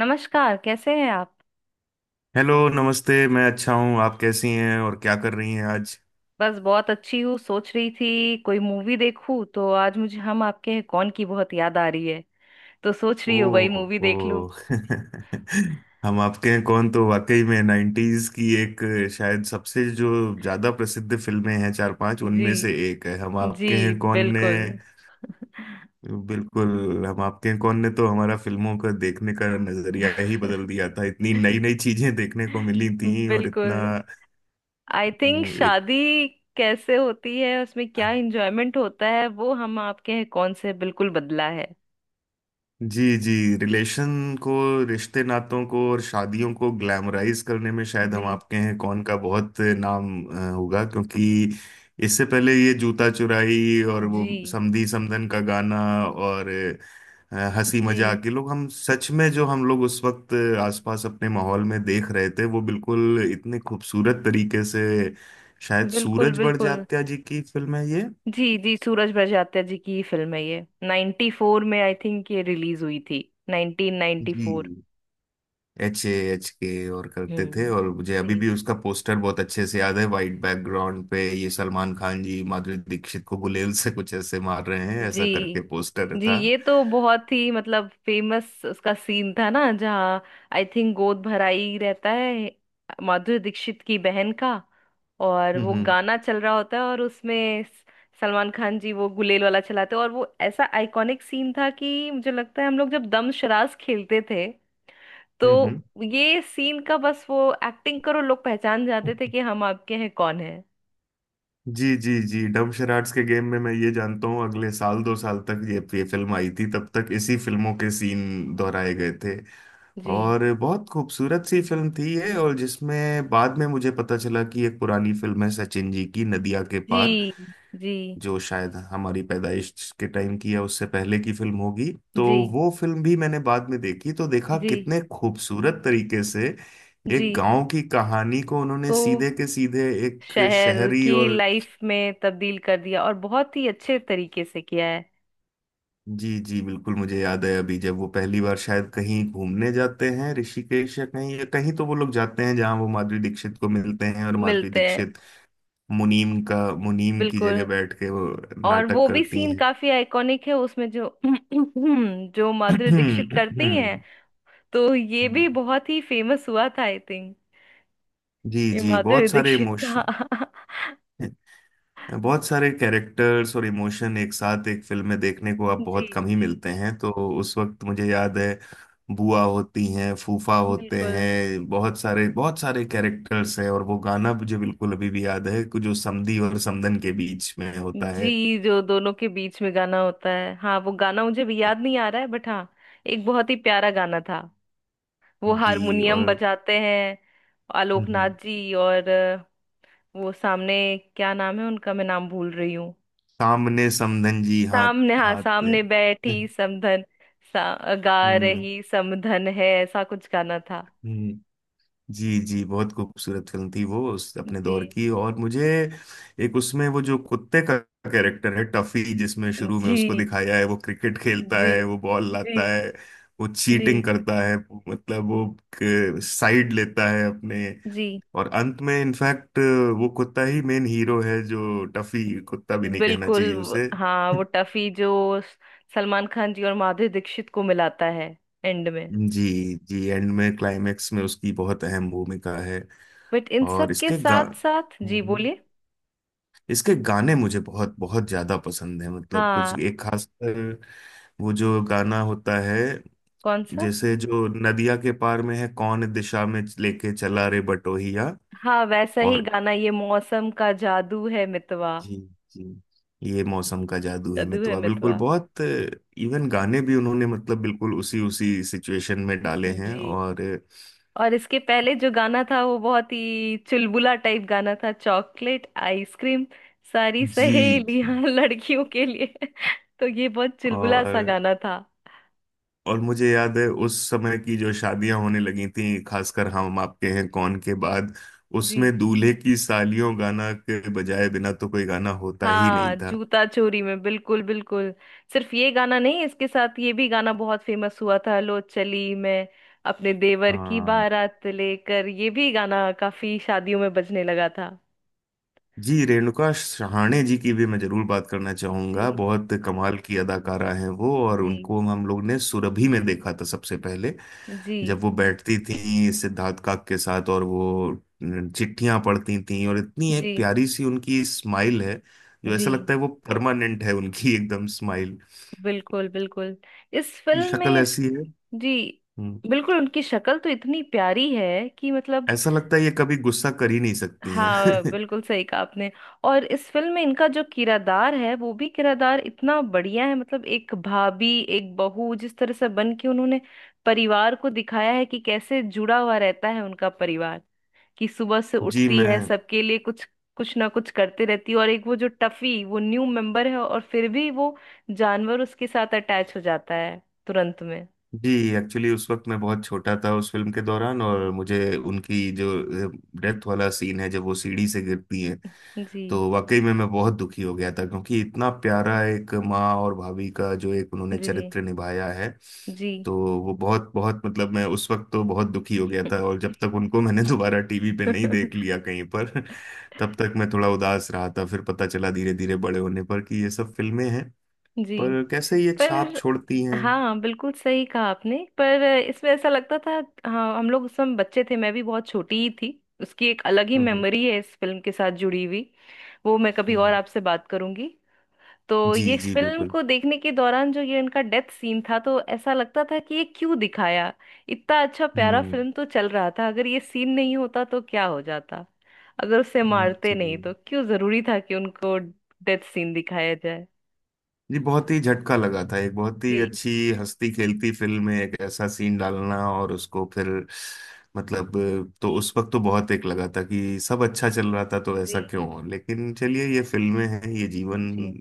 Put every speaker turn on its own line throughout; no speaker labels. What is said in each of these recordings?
नमस्कार, कैसे हैं आप?
हेलो, नमस्ते। मैं अच्छा हूँ। आप कैसी हैं और क्या कर रही हैं आज?
बस बहुत अच्छी हूँ। सोच रही थी कोई मूवी देखूं, तो आज मुझे हम आपके हैं कौन की बहुत याद आ रही है। तो सोच रही हूँ वही मूवी
ओह,
देख
ओ।
लूं।
हम आपके हैं कौन तो वाकई में 90s की एक, शायद सबसे जो ज्यादा प्रसिद्ध फिल्में हैं चार पांच,
जी।
उनमें से एक है हम
जी।
आपके हैं कौन ने।
बिल्कुल।
बिल्कुल। हम आपके हैं कौन ने तो हमारा फिल्मों का देखने का नजरिया ही बदल दिया था। इतनी नई नई चीजें देखने को मिली थी और इतना।
बिल्कुल, आई थिंक
एक।
शादी कैसे होती है, उसमें क्या एंजॉयमेंट होता है, वो हम आपके हैं कौन से बिल्कुल बदला है।
जी, जी। रिलेशन को रिश्ते नातों को और शादियों को ग्लैमराइज करने में शायद हम
जी।
आपके हैं कौन का बहुत नाम होगा, क्योंकि इससे पहले ये जूता चुराई और वो
जी।
समधी समधन का गाना, और हंसी
जी।
मजाक ये लोग, हम सच में जो हम लोग उस वक्त आसपास अपने माहौल में देख रहे थे वो बिल्कुल इतने खूबसूरत तरीके से, शायद
बिल्कुल।
सूरज
बिल्कुल।
बड़जात्या जी की फिल्म है ये।
जी। जी। सूरज बड़जात्या जी की ही फिल्म है ये। 94 में आई थिंक ये रिलीज हुई थी।
जी।
1994।
HAHK और करते थे,
हम्म।
और मुझे अभी
जी।
भी उसका पोस्टर बहुत अच्छे से याद है। वाइट बैकग्राउंड पे ये सलमान खान जी माधुरी दीक्षित को गुलेल से कुछ ऐसे मार रहे हैं ऐसा करके
जी।
पोस्टर
जी।
था।
ये तो बहुत ही, मतलब, फेमस उसका सीन था ना, जहाँ आई थिंक गोद भराई रहता है माधुरी दीक्षित की बहन का। और
हम्म,
वो
हम्म,
गाना चल रहा होता है, और उसमें सलमान खान जी वो गुलेल वाला चलाते हैं, और वो ऐसा आइकॉनिक सीन था कि मुझे लगता है हम लोग जब दम शराज खेलते थे, तो
हम्म, हम्म।
ये सीन का बस वो एक्टिंग करो, लोग पहचान जाते थे कि हम आपके हैं कौन है।
जी, जी, जी। डम शराड्स के गेम में मैं ये जानता हूँ अगले साल 2 साल तक ये फिल्म आई थी, तब तक इसी फिल्मों के सीन दोहराए गए थे।
जी।
और बहुत खूबसूरत सी फिल्म थी ये, और जिसमें बाद में मुझे पता चला कि एक पुरानी फिल्म है सचिन जी की, नदिया के पार,
जी। जी।
जो शायद हमारी पैदाइश के टाइम की या उससे पहले की फिल्म होगी। तो
जी।
वो फिल्म भी मैंने बाद में देखी तो देखा
जी।
कितने खूबसूरत तरीके से
जी।
एक गांव की कहानी को उन्होंने
को
सीधे के सीधे एक
शहर
शहरी
की
और।
लाइफ में तब्दील कर दिया, और बहुत ही अच्छे तरीके से किया है।
जी, जी, बिल्कुल। मुझे याद है अभी जब वो पहली बार शायद कहीं घूमने जाते हैं ऋषिकेश या कहीं या कहीं, तो वो लोग जाते हैं जहां वो माधुरी दीक्षित को मिलते हैं, और माधुरी
मिलते हैं।
दीक्षित मुनीम का मुनीम की जगह
बिल्कुल।
बैठ के वो
और
नाटक
वो भी
करती
सीन काफी आइकॉनिक है उसमें जो जो माधुरी दीक्षित करती हैं,
हैं।
तो ये भी बहुत ही फेमस हुआ था आई थिंक।
जी,
ये
जी।
माधुरी
बहुत सारे
दीक्षित
इमोशन,
का।
बहुत सारे कैरेक्टर्स और इमोशन एक साथ एक फिल्म में देखने को अब
जी।
बहुत कम ही मिलते हैं। तो उस वक्त मुझे याद है बुआ होती हैं, फूफा होते
बिल्कुल।
हैं, बहुत सारे कैरेक्टर्स हैं, और वो गाना मुझे बिल्कुल अभी भी याद है कि जो समधी और समधन के बीच में होता है।
जी, जो दोनों के बीच में गाना होता है, हाँ, वो गाना मुझे भी याद नहीं आ रहा है, बट हाँ, एक बहुत ही प्यारा गाना था। वो
जी। और
हारमोनियम बजाते हैं
हम्म,
आलोकनाथ
हम्म,
जी और वो सामने, क्या नाम है उनका, मैं नाम भूल रही हूँ।
सामने समधन जी हाथ,
सामने, हाँ,
हाथ में
सामने बैठी समधन, गा
हम्म
रही समधन है, ऐसा कुछ गाना था।
हम्म जी, जी। बहुत खूबसूरत फिल्म थी वो, उस अपने दौर
जी।
की। और मुझे एक उसमें वो जो कुत्ते का कैरेक्टर है टफी, जिसमें शुरू में उसको
जी।
दिखाया है वो क्रिकेट खेलता
जी।
है, वो बॉल
जी।
लाता है, वो
जी।
चीटिंग करता है, मतलब वो साइड लेता है अपने।
जी।
और अंत में इनफैक्ट वो कुत्ता ही मेन हीरो है, जो टफी कुत्ता भी नहीं कहना
बिल्कुल।
चाहिए उसे।
हाँ, वो टफी जो सलमान खान जी और माधुरी दीक्षित को मिलाता है एंड में।
जी, जी। एंड में क्लाइमेक्स में उसकी बहुत अहम भूमिका है।
बट इन
और
सब के साथ साथ। जी,
हम्म।
बोलिए।
इसके गाने मुझे बहुत बहुत ज्यादा पसंद है, मतलब कुछ
हाँ।
एक खास वो जो गाना होता है,
कौन सा?
जैसे जो नदिया के पार में है, कौन दिशा में लेके चला रे बटोहिया।
हाँ, वैसा ही
और
गाना, ये मौसम का जादू है मितवा।
जी, जी। ये मौसम का जादू है
जादू है
मितुआ, बिल्कुल।
मितवा।
बहुत इवन गाने भी उन्होंने मतलब बिल्कुल उसी उसी सिचुएशन में डाले हैं।
जी।
और
और इसके पहले जो गाना था, वो बहुत ही चुलबुला टाइप गाना था, चॉकलेट आइसक्रीम सारी
जी, जी।
सहेलियां लड़कियों के लिए। तो ये बहुत चुलबुला सा
और
गाना था।
और मुझे याद है उस समय की जो शादियां होने लगी थी खासकर हम आपके हैं कौन के बाद,
जी।
उसमें दूल्हे की सालियों गाना के बजाय बिना तो कोई गाना होता ही
हाँ,
नहीं था।
जूता चोरी में बिल्कुल। बिल्कुल। सिर्फ ये गाना नहीं, इसके साथ ये भी गाना बहुत फेमस हुआ था, लो चली मैं अपने देवर की
हाँ।
बारात लेकर। ये भी गाना काफी शादियों में बजने लगा था।
जी। रेणुका सहाणे जी की भी मैं जरूर बात करना चाहूंगा,
जी।
बहुत कमाल की अदाकारा हैं वो, और
जी।
उनको हम लोग ने सुरभि में देखा था सबसे पहले,
जी।
जब वो बैठती थी सिद्धार्थ काक के साथ और वो चिट्ठियां पढ़ती थी, और इतनी एक
जी।
प्यारी सी उनकी स्माइल है जो
जी।
ऐसा लगता है वो परमानेंट है उनकी, एकदम स्माइल
बिल्कुल। बिल्कुल। इस
की
फिल्म
शक्ल
में इस।
ऐसी है।
जी,
हम्म,
बिल्कुल। उनकी शक्ल तो इतनी प्यारी है कि, मतलब,
ऐसा लगता है ये कभी गुस्सा कर ही नहीं सकती
हाँ
हैं।
बिल्कुल सही कहा आपने। और इस फिल्म में इनका जो किरदार है, वो भी किरदार इतना बढ़िया है, मतलब एक भाभी, एक बहू जिस तरह से बन के उन्होंने परिवार को दिखाया है कि कैसे जुड़ा हुआ रहता है उनका परिवार। कि सुबह से
जी,
उठती
मैं,
है सबके लिए कुछ कुछ ना कुछ करते रहती है। और एक वो जो टफी, वो न्यू मेंबर है और फिर भी वो जानवर उसके साथ अटैच हो जाता है तुरंत में।
जी। एक्चुअली उस वक्त मैं बहुत छोटा था उस फिल्म के दौरान, और मुझे उनकी जो डेथ वाला सीन है जब वो सीढ़ी से गिरती,
जी।
तो वाकई में मैं बहुत दुखी हो गया था, क्योंकि इतना प्यारा एक माँ और भाभी का जो एक उन्होंने
जी।
चरित्र निभाया है,
जी।
तो वो बहुत बहुत मतलब मैं उस वक्त तो बहुत दुखी हो गया था, और जब तक उनको मैंने दोबारा टीवी पे नहीं देख लिया कहीं पर, तब तक मैं थोड़ा उदास रहा था। फिर पता चला धीरे धीरे बड़े होने पर कि ये सब फिल्में हैं,
जी।
पर कैसे ये छाप
पर
छोड़ती हैं। हम्म,
हाँ, बिल्कुल सही कहा आपने। पर इसमें ऐसा लगता था, हाँ, हम लोग उस समय बच्चे थे, मैं भी बहुत छोटी ही थी। उसकी एक अलग ही
हम्म,
मेमोरी है इस फिल्म के साथ जुड़ी हुई, वो मैं कभी और
हम्म।
आपसे बात करूंगी। तो
जी,
ये
जी,
फिल्म
बिल्कुल।
को देखने के दौरान जो ये इनका डेथ सीन था, तो ऐसा लगता था कि ये क्यों दिखाया? इतना अच्छा प्यारा
हम्म।
फिल्म तो चल रहा था, अगर ये सीन नहीं होता तो क्या हो जाता? अगर उसे मारते
जी,
नहीं तो क्यों जरूरी था कि उनको डेथ सीन दिखाया जाए?
जी। बहुत ही झटका लगा था, एक बहुत ही
जी।
अच्छी हंसती खेलती फिल्म में एक ऐसा सीन डालना और उसको फिर, मतलब। तो उस वक्त तो बहुत एक लगा था कि सब अच्छा चल रहा था तो
जी।
ऐसा क्यों हो, लेकिन चलिए ये फिल्में हैं। ये जीवन
जी।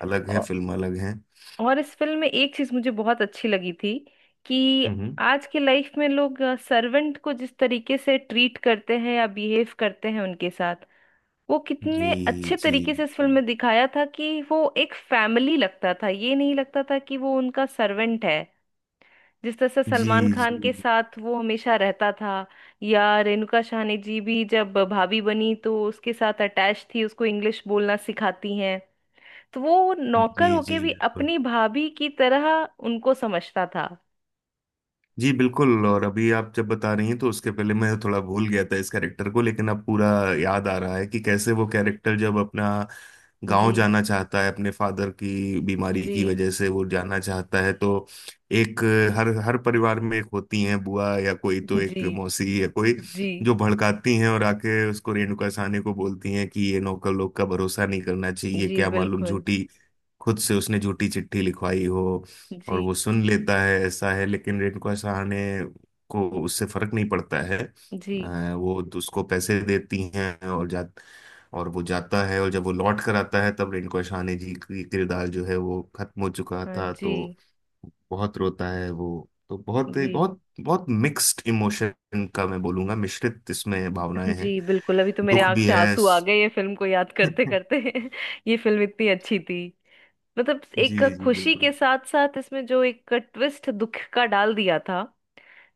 अलग है, फिल्म अलग है।
और इस फिल्म में एक चीज मुझे बहुत अच्छी लगी थी, कि
हम्म।
आज के लाइफ में लोग सर्वेंट को जिस तरीके से ट्रीट करते हैं या बिहेव करते हैं उनके साथ, वो
जी,
कितने अच्छे
जी,
तरीके से इस
जी,
फिल्म में दिखाया था कि वो एक फैमिली लगता था, ये नहीं लगता था कि वो उनका सर्वेंट है। जिस तरह से
जी,
सलमान
जी,
खान के साथ वो हमेशा रहता था, या रेणुका साहनी जी भी जब भाभी बनी तो उसके साथ अटैच थी, उसको इंग्लिश बोलना सिखाती हैं, तो वो नौकर
जी,
होके
जी,
भी
बिल्कुल।
अपनी भाभी की तरह उनको समझता था।
जी, बिल्कुल। और अभी आप जब बता रही हैं तो उसके पहले मैं थोड़ा भूल गया था इस कैरेक्टर को, लेकिन अब पूरा याद आ रहा है कि कैसे वो कैरेक्टर जब अपना गांव
जी।
जाना चाहता है, अपने फादर की बीमारी
जी।
की वजह से वो जाना चाहता है, तो एक हर हर परिवार में एक होती हैं बुआ या कोई, तो
जी।
एक मौसी या कोई
जी।
जो भड़काती हैं, और आके उसको रेणुका साहनी को बोलती हैं कि ये नौकर लोग का भरोसा नहीं करना चाहिए,
जी।
क्या मालूम
बिल्कुल।
झूठी, खुद से उसने झूठी चिट्ठी लिखवाई हो।
जी।
और वो सुन लेता है ऐसा है, लेकिन रिंकू सहाने को उससे फर्क नहीं पड़ता है।
जी।
वो तो उसको पैसे देती हैं, और वो जाता है, और जब वो लौट कर आता है तब रिंकू सहाने जी की किरदार जो है वो खत्म हो चुका
हाँ।
था,
जी।
तो बहुत रोता है वो। तो बहुत
जी।
बहुत बहुत मिक्स्ड इमोशन का, मैं बोलूंगा मिश्रित इसमें भावनाएं हैं,
जी, बिल्कुल, अभी तो मेरे
दुख
आंख
भी
से
है।
आंसू आ गए ये फिल्म को याद करते करते। ये फिल्म इतनी अच्छी थी, मतलब
जी,
एक
जी,
खुशी के साथ साथ इसमें जो एक ट्विस्ट दुख का डाल दिया था,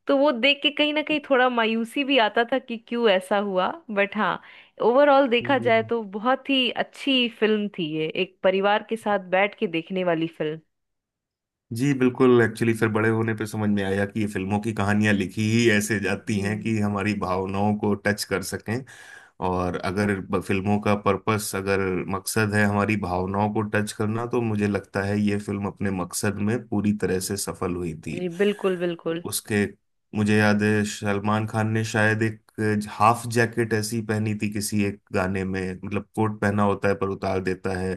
तो वो देख के कहीं ना कहीं
बिल्कुल।
थोड़ा मायूसी भी आता था कि क्यों ऐसा हुआ। बट हाँ, ओवरऑल देखा जाए तो बहुत ही अच्छी फिल्म थी ये, एक परिवार के साथ बैठ के देखने वाली फिल्म।
जी, बिल्कुल। एक्चुअली फिर बड़े होने पे समझ में आया कि ये फिल्मों की कहानियां लिखी ही ऐसे जाती हैं
जी।
कि हमारी भावनाओं को टच कर सकें, और अगर फिल्मों का पर्पस, अगर मकसद है हमारी भावनाओं को टच करना, तो मुझे लगता है ये फिल्म अपने मकसद में पूरी तरह से सफल हुई थी।
जी। बिल्कुल। बिल्कुल।
उसके, मुझे याद है सलमान खान ने शायद एक हाफ जैकेट ऐसी पहनी थी किसी एक गाने में, मतलब कोट पहना होता है पर उतार देता है,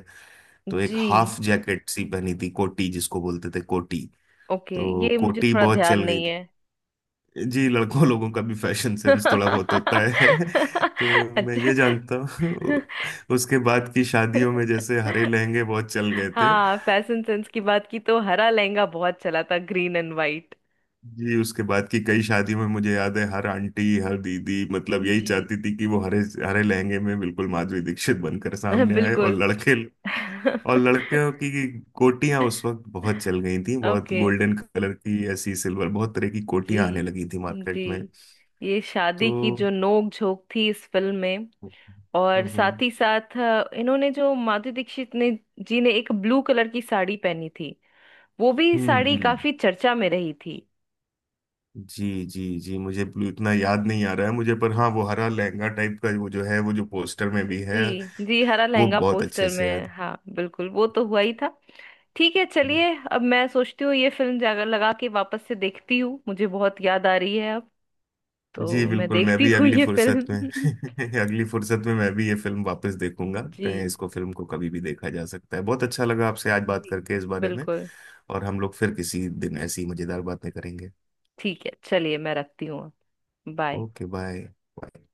तो एक
जी।
हाफ जैकेट सी पहनी थी, कोटी जिसको बोलते थे कोटी,
ओके,
तो
ये मुझे
कोटी
थोड़ा
बहुत
ध्यान
चल गई
नहीं
थी।
है।
जी, लड़कों लोगों का भी फैशन सेंस थोड़ा बहुत होता है। तो मैं
अच्छा।
ये जानता हूँ उसके बाद की शादियों में जैसे हरे लहंगे बहुत चल गए थे।
हाँ, फैशन सेंस की बात की तो हरा लहंगा बहुत चला था, ग्रीन एंड वाइट।
जी, उसके बाद की कई शादियों में मुझे याद है हर आंटी हर दीदी मतलब यही
जी।
चाहती थी कि वो हरे हरे लहंगे में बिल्कुल माधुरी दीक्षित बनकर सामने आए, और
बिल्कुल।
लड़के और लड़कियों की कोटियां उस वक्त बहुत चल गई थी, बहुत
ओके।
गोल्डन कलर की ऐसी सिल्वर बहुत तरह की
जी।
कोटियां आने लगी थी
जी।
मार्केट में।
ये
तो
शादी की जो नोक झोंक थी इस फिल्म में,
हम्म,
और
हम्म,
साथ ही साथ इन्होंने जो माधुरी दीक्षित ने जी ने एक ब्लू कलर की साड़ी पहनी थी, वो भी
हम्म,
साड़ी काफी चर्चा में रही थी।
जी, जी, जी। मुझे ब्लू इतना याद नहीं आ रहा है मुझे, पर हाँ, वो हरा लहंगा टाइप का वो जो है वो जो पोस्टर में भी
जी।
है
जी। हरा
वो
लहंगा
बहुत
पोस्टर
अच्छे से
में,
याद
हाँ बिल्कुल, वो तो हुआ ही था। ठीक है,
है।
चलिए अब मैं सोचती हूँ, ये फिल्म जाकर लगा के वापस से देखती हूँ, मुझे बहुत याद आ रही है अब।
जी,
तो मैं
बिल्कुल, मैं
देखती
भी
हूँ
अगली
ये
फुर्सत में
फिल्म।
अगली फुर्सत में मैं भी ये फिल्म वापस देखूंगा।
जी।
कहीं इसको, फिल्म को कभी भी देखा जा सकता है। बहुत अच्छा लगा आपसे आज बात
जी।
करके इस बारे में,
बिल्कुल।
और हम लोग फिर किसी दिन ऐसी मजेदार बातें करेंगे।
ठीक है, चलिए, मैं रखती हूँ। बाय।
Okay, bye. बाय।